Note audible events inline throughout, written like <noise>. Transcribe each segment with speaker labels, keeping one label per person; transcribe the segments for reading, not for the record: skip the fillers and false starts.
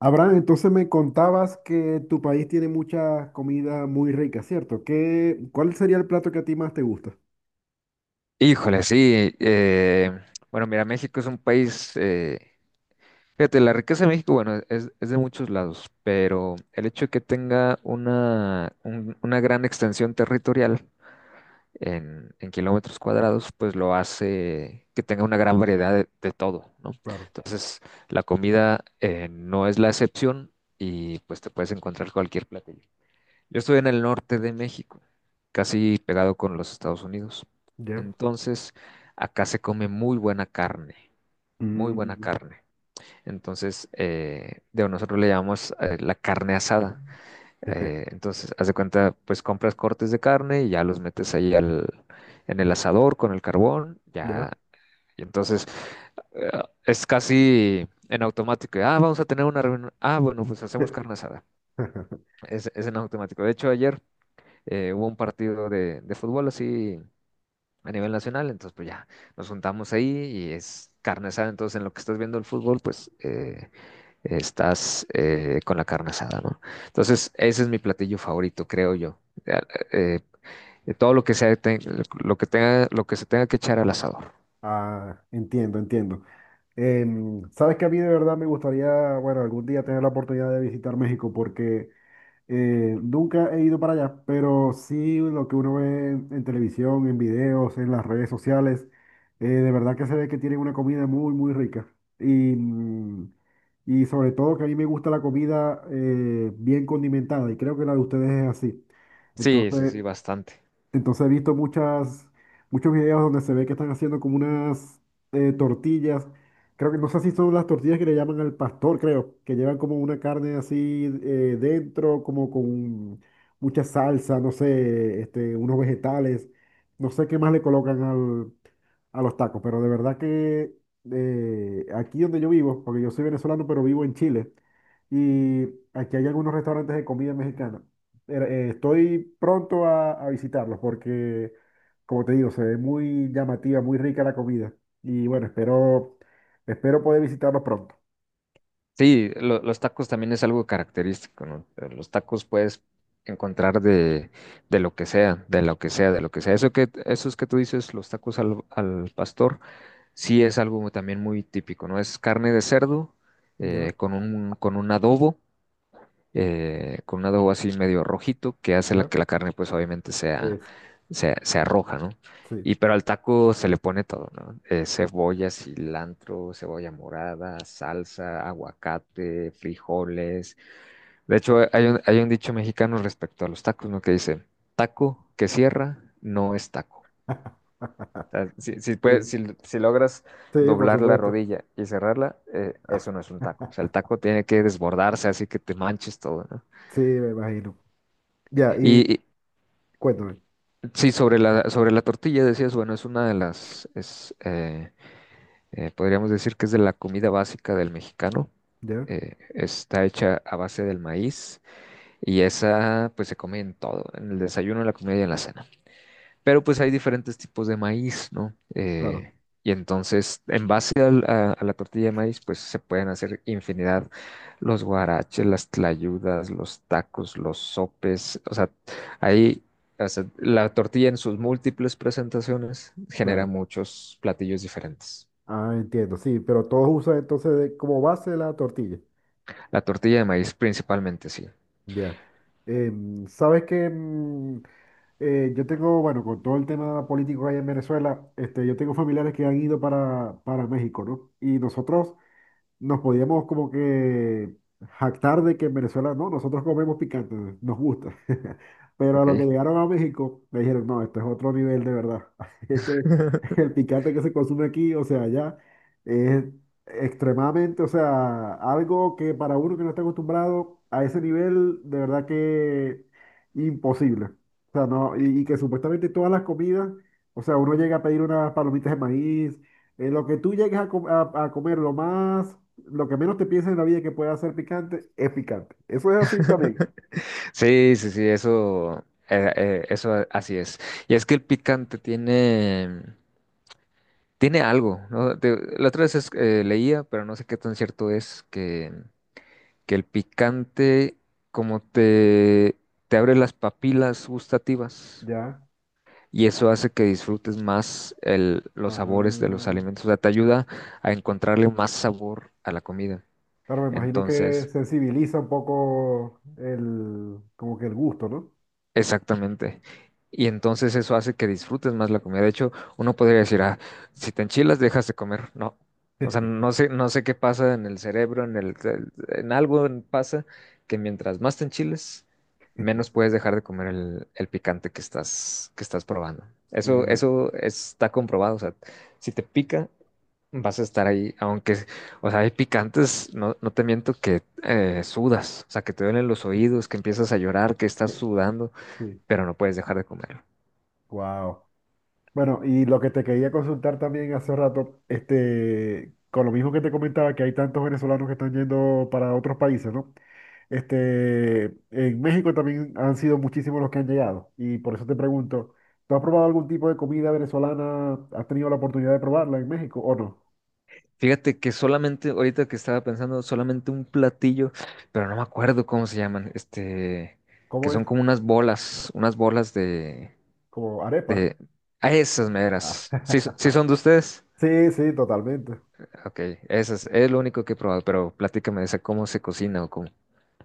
Speaker 1: Abraham, entonces me contabas que tu país tiene mucha comida muy rica, ¿cierto? ¿Qué, cuál sería el plato que a ti más te gusta?
Speaker 2: Híjole, sí. Bueno, mira, México es un país, fíjate, la riqueza de México, bueno, es de muchos lados, pero el hecho de que tenga una gran extensión territorial en kilómetros cuadrados, pues lo hace que tenga una gran variedad de todo, ¿no?
Speaker 1: Claro,
Speaker 2: Entonces, la comida no es la excepción y pues te puedes encontrar cualquier platillo. Yo estoy en el norte de México, casi pegado con los Estados Unidos.
Speaker 1: ya.
Speaker 2: Entonces, acá se come muy buena carne, muy buena
Speaker 1: Mm.
Speaker 2: carne. Entonces, de nosotros le llamamos la carne asada.
Speaker 1: <laughs>
Speaker 2: Entonces, haz de cuenta, pues compras cortes de carne y ya los metes en el asador con el carbón, ya.
Speaker 1: Ya.
Speaker 2: Y entonces, eh, es casi en automático. Ah, vamos a tener una reunión. Ah, bueno, pues hacemos carne asada.
Speaker 1: <laughs>
Speaker 2: Es en automático. De hecho, ayer hubo un partido de fútbol así a nivel nacional, entonces pues ya nos juntamos ahí y es carne asada, entonces en lo que estás viendo el fútbol, pues estás con la carne asada, ¿no? Entonces ese es mi platillo favorito, creo yo. Ya, eh, de todo lo que sea, lo que tenga, lo que se tenga que echar al asador.
Speaker 1: Ah, entiendo, entiendo. Sabes que a mí de verdad me gustaría, bueno, algún día tener la oportunidad de visitar México porque nunca he ido para allá, pero sí lo que uno ve en, televisión, en videos, en las redes sociales, de verdad que se ve que tienen una comida muy, muy rica. Y, mm, y sobre todo que a mí me gusta la comida bien condimentada y creo que la de ustedes es así.
Speaker 2: Sí, sí,
Speaker 1: Entonces,
Speaker 2: sí, bastante.
Speaker 1: entonces he visto muchas, muchos videos donde se ve que están haciendo como unas tortillas. Creo que no sé si son las tortillas que le llaman al pastor, creo, que llevan como una carne así dentro, como con mucha salsa, no sé, este, unos vegetales. No sé qué más le colocan a los tacos, pero de verdad que aquí donde yo vivo, porque yo soy venezolano, pero vivo en Chile, y aquí hay algunos restaurantes de comida mexicana estoy pronto a visitarlos porque, como te digo, se ve muy llamativa, muy rica la comida. Y bueno, espero poder visitarlos pronto.
Speaker 2: Sí, los tacos también es algo característico, ¿no? Los tacos puedes encontrar de lo que sea, de lo que sea, de lo que sea. Eso que, esos que tú dices, los tacos al pastor, sí es algo también muy típico, ¿no? Es carne de cerdo
Speaker 1: ¿Ya?
Speaker 2: eh, con un, con un adobo con un adobo así medio rojito que hace la,
Speaker 1: ¿Ya?
Speaker 2: que la carne pues obviamente sea,
Speaker 1: Es,
Speaker 2: sea roja, ¿no?
Speaker 1: sí.
Speaker 2: Y pero al taco se le pone todo, ¿no? Cebolla, cilantro, cebolla morada, salsa, aguacate, frijoles. De hecho, hay un dicho mexicano respecto a los tacos, ¿no? Que dice, taco que cierra no es taco. O
Speaker 1: <laughs>
Speaker 2: sea, si, si,
Speaker 1: Sí,
Speaker 2: si, si logras
Speaker 1: sí, por
Speaker 2: doblar la
Speaker 1: supuesto.
Speaker 2: rodilla y cerrarla,
Speaker 1: <laughs> Ah,
Speaker 2: eso no es un taco. O sea, el taco tiene que desbordarse así que te manches todo, ¿no?
Speaker 1: sí, me imagino. Ya, y
Speaker 2: Y,
Speaker 1: cuéntame.
Speaker 2: Sí, sobre la tortilla decías, bueno, es una de podríamos decir que es de la comida básica del mexicano.
Speaker 1: ¿Ya?
Speaker 2: Está hecha a base del maíz y esa pues se come en todo, en el desayuno, en la comida y en la cena. Pero pues hay diferentes tipos de maíz, ¿no?
Speaker 1: Claro,
Speaker 2: Y entonces, en base a la tortilla de maíz, pues se pueden hacer infinidad, los guaraches, las tlayudas, los tacos, los sopes, o sea, ahí, o sea, la tortilla en sus múltiples presentaciones genera
Speaker 1: claro.
Speaker 2: muchos platillos diferentes.
Speaker 1: Ah, entiendo, sí, pero todos usan entonces como base la tortilla.
Speaker 2: La tortilla de maíz principalmente, sí,
Speaker 1: Ya. ¿Sabes qué? Yo tengo, bueno, con todo el tema político que hay en Venezuela, este, yo tengo familiares que han ido para, México, ¿no? Y nosotros, nos podíamos como que jactar de que en Venezuela no, nosotros comemos picante, nos gusta. <laughs> Pero a lo que
Speaker 2: ¿ok?
Speaker 1: llegaron a México, me dijeron, no, esto es otro nivel de verdad. <laughs> Este, el
Speaker 2: <laughs>
Speaker 1: picante que se consume aquí, o sea, allá, es extremadamente, o sea, algo que para uno que no está acostumbrado a ese nivel, de verdad que imposible. O sea, no, y que supuestamente todas las comidas, o sea, uno llega a pedir unas palomitas de maíz, lo que tú llegues a comer, lo más lo que menos te pienses en la vida que pueda ser picante es picante. Eso es así también.
Speaker 2: Sí, sí, sí, eso, eso así es. Y es que el picante tiene... Tiene algo, ¿no? La otra vez leía, pero no sé qué tan cierto es, que el picante como te, te abre las papilas gustativas
Speaker 1: Ya.
Speaker 2: y eso hace que disfrutes más los sabores de los
Speaker 1: Ah,
Speaker 2: alimentos, o sea, te ayuda a encontrarle más sabor a la comida.
Speaker 1: claro, me imagino que
Speaker 2: Entonces,
Speaker 1: sensibiliza un poco el, como que el gusto, ¿no?
Speaker 2: exactamente. Y entonces eso hace que disfrutes más la comida. De hecho, uno podría decir, ah, si te enchilas, dejas de comer. No. O sea,
Speaker 1: <laughs>
Speaker 2: no sé, no sé qué pasa en el cerebro, en algo pasa que mientras más te enchiles, menos puedes dejar de comer el picante que estás probando.
Speaker 1: Me
Speaker 2: Eso,
Speaker 1: imagino.
Speaker 2: eso está comprobado. O sea, si te pica, vas a estar ahí, aunque, o sea, hay picantes, no, no te miento que sudas, o sea, que te duelen los oídos, que empiezas a llorar, que estás sudando
Speaker 1: Sí.
Speaker 2: pero no puedes dejar de comerlo.
Speaker 1: Wow. Bueno, y lo que te quería consultar también hace rato, este, con lo mismo que te comentaba, que hay tantos venezolanos que están yendo para otros países, ¿no? Este, en México también han sido muchísimos los que han llegado. Y por eso te pregunto, ¿tú has probado algún tipo de comida venezolana? ¿Has tenido la oportunidad de probarla en México o no?
Speaker 2: Fíjate que solamente, ahorita que estaba pensando, solamente un platillo, pero no me acuerdo cómo se llaman, este, que
Speaker 1: ¿Cómo es?
Speaker 2: son como unas bolas
Speaker 1: ¿Como arepa?
Speaker 2: de, a esas
Speaker 1: Ah.
Speaker 2: meras. ¿Sí, sí
Speaker 1: <laughs>
Speaker 2: son de ustedes?
Speaker 1: Sí, sí, totalmente.
Speaker 2: Ok, esas, es lo único que he probado, pero platícame de esa, cómo se cocina o cómo,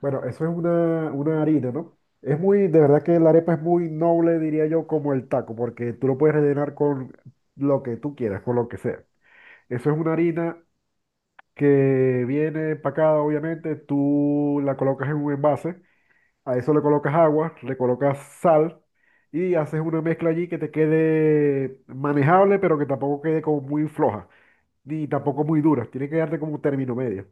Speaker 1: Bueno, eso es una harina, ¿no? Es muy, de verdad que la arepa es muy noble, diría yo, como el taco, porque tú lo puedes rellenar con lo que tú quieras, con lo que sea. Eso es una harina que viene empacada, obviamente, tú la colocas en un envase. A eso le colocas agua, le colocas sal y haces una mezcla allí que te quede manejable, pero que tampoco quede como muy floja, ni tampoco muy dura. Tiene que darte como un término medio.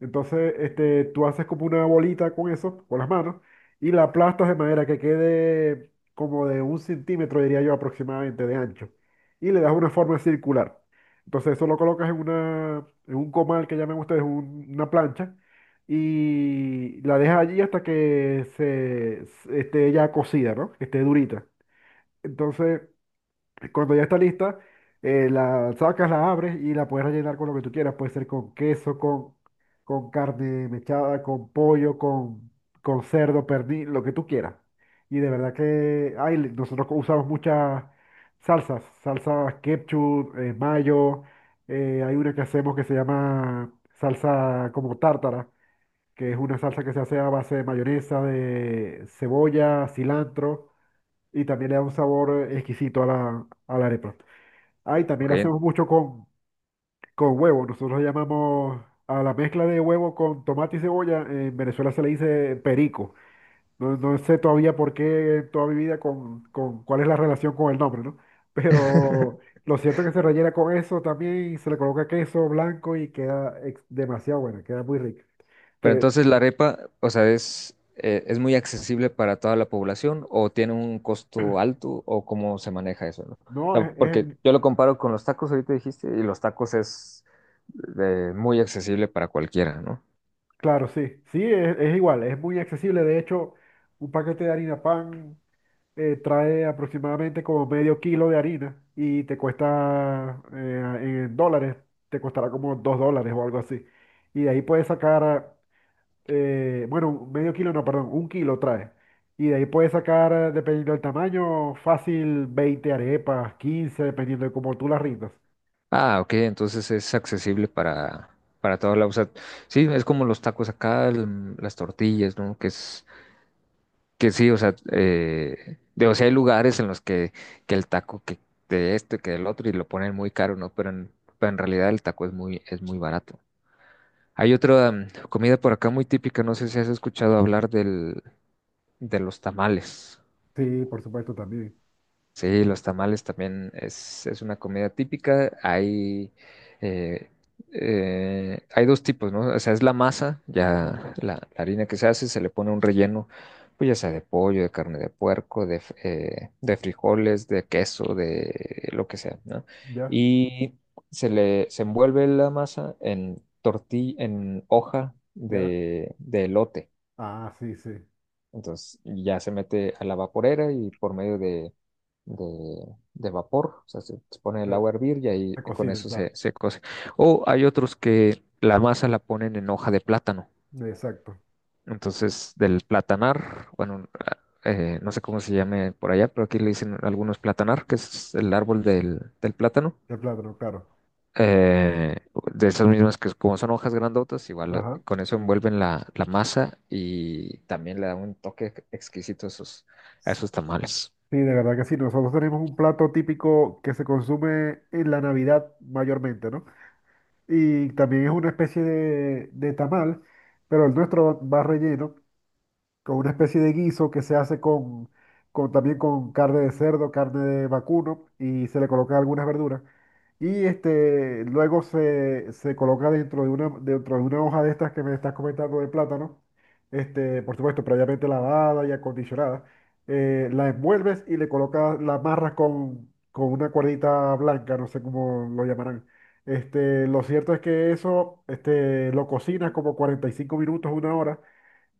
Speaker 1: Entonces, este, tú haces como una bolita con eso, con las manos, y la aplastas de manera que quede como de 1 centímetro, diría yo, aproximadamente de ancho. Y le das una forma circular. Entonces, eso lo colocas en un comal que llaman ustedes una plancha, y la dejas allí hasta que esté ya cocida, ¿no? Que esté durita. Entonces, cuando ya está lista, la sacas, la abres y la puedes rellenar con lo que tú quieras. Puede ser con queso, con carne mechada, con pollo, con cerdo, pernil, lo que tú quieras. Y de verdad que ay, nosotros usamos muchas salsas, salsas ketchup, mayo. Hay una que hacemos que se llama salsa como tártara, que es una salsa que se hace a base de mayonesa, de cebolla, cilantro y también le da un sabor exquisito a la arepa. Ah, y también
Speaker 2: ok.
Speaker 1: lo hacemos mucho con, huevo. Nosotros llamamos a la mezcla de huevo con tomate y cebolla. En Venezuela se le dice perico. No, no sé todavía por qué en toda mi vida con, cuál es la relación con el nombre, ¿no? Pero
Speaker 2: <laughs>
Speaker 1: lo cierto es que se rellena con eso también y se le coloca queso blanco y queda demasiado buena, queda muy rica.
Speaker 2: Pero
Speaker 1: Te-
Speaker 2: entonces la arepa, o sea, es muy accesible para toda la población o tiene un costo alto o cómo se maneja eso, ¿no? O
Speaker 1: no,
Speaker 2: sea, porque
Speaker 1: es-
Speaker 2: yo lo comparo con los tacos, ahorita dijiste, y los tacos es muy accesible para cualquiera, ¿no?
Speaker 1: Claro, sí. Sí, es igual, es muy accesible. De hecho, un paquete de harina pan, trae aproximadamente como medio kilo de harina y te cuesta en dólares, te costará como 2 dólares o algo así. Y de ahí puedes sacar, bueno, medio kilo, no, perdón, 1 kilo trae. Y de ahí puedes sacar, dependiendo del tamaño, fácil 20 arepas, 15 dependiendo de cómo tú las rindas.
Speaker 2: Ah, ok, entonces es accesible para toda la, o sea, sí, es como los tacos acá, las tortillas, ¿no? Que es que sí, o sea, o sea, hay lugares en los que el taco que de esto, que del otro, y lo ponen muy caro, ¿no? Pero en realidad el taco es muy barato. Hay otra comida por acá muy típica, no sé si has escuchado hablar del, de los tamales.
Speaker 1: Sí, por supuesto, también.
Speaker 2: Sí, los tamales también es una comida típica. Hay, eh, hay dos tipos, ¿no? O sea, es la masa,
Speaker 1: Ya,
Speaker 2: ya la harina que se hace, se le pone un relleno, pues ya sea de pollo, de carne de puerco, de frijoles, de queso, de lo que sea, ¿no?
Speaker 1: ya,
Speaker 2: Y se envuelve la masa en tortilla, en hoja
Speaker 1: ya.
Speaker 2: de elote.
Speaker 1: Ah, sí, sí.
Speaker 2: Entonces ya se mete a la vaporera y por medio de, de vapor, o sea, se pone
Speaker 1: Se,
Speaker 2: el agua a hervir y
Speaker 1: se
Speaker 2: ahí con
Speaker 1: cocina,
Speaker 2: eso
Speaker 1: claro.
Speaker 2: se, se cose. O hay otros que la masa la ponen en hoja de plátano.
Speaker 1: Exacto.
Speaker 2: Entonces, del platanar, bueno, ah, no sé cómo se llame por allá, pero aquí le dicen algunos platanar, que es el árbol del plátano
Speaker 1: El plátano, claro.
Speaker 2: eh, de esas mismas que como son hojas grandotas, igual
Speaker 1: Ajá.
Speaker 2: con eso envuelven la, la masa y también le da un toque exquisito a esos tamales.
Speaker 1: Sí, de verdad que sí. Nosotros tenemos un plato típico que se consume en la Navidad mayormente, ¿no? Y también es una especie de, tamal, pero el nuestro va relleno con una especie de guiso que se hace con, también con carne de cerdo, carne de vacuno y se le colocan algunas verduras. Y este, luego se coloca dentro de una hoja de estas que me estás comentando de plátano, este, por supuesto, previamente lavada y acondicionada. La envuelves y le colocas, la amarras con, una cuerdita blanca, no sé cómo lo llamarán. Este, lo cierto es que eso, lo cocinas como 45 minutos, una hora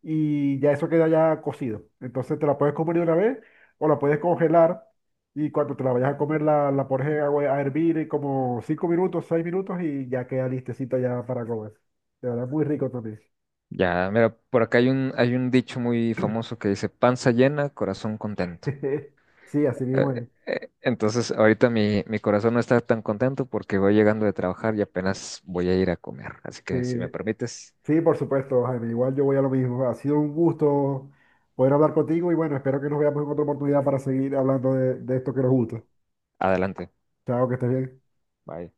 Speaker 1: y ya eso queda ya cocido. Entonces te la puedes comer de una vez o la puedes congelar y cuando te la vayas a comer la pones en agua a hervir en como 5 minutos, 6 minutos y ya queda listecita ya para comer. De verdad, muy rico también.
Speaker 2: Ya, mira, por acá hay un dicho muy famoso que dice, panza llena, corazón contento.
Speaker 1: <laughs> Sí, así mismo es.
Speaker 2: Entonces, ahorita mi, mi corazón no está tan contento porque voy llegando de trabajar y apenas voy a ir a comer. Así
Speaker 1: Sí,
Speaker 2: que si me permites,
Speaker 1: sí, por supuesto, Jaime. Igual yo voy a lo mismo. Ha sido un gusto poder hablar contigo y bueno, espero que nos veamos en otra oportunidad para seguir hablando de, esto que nos gusta.
Speaker 2: adelante.
Speaker 1: Chao, que estés bien.
Speaker 2: Bye.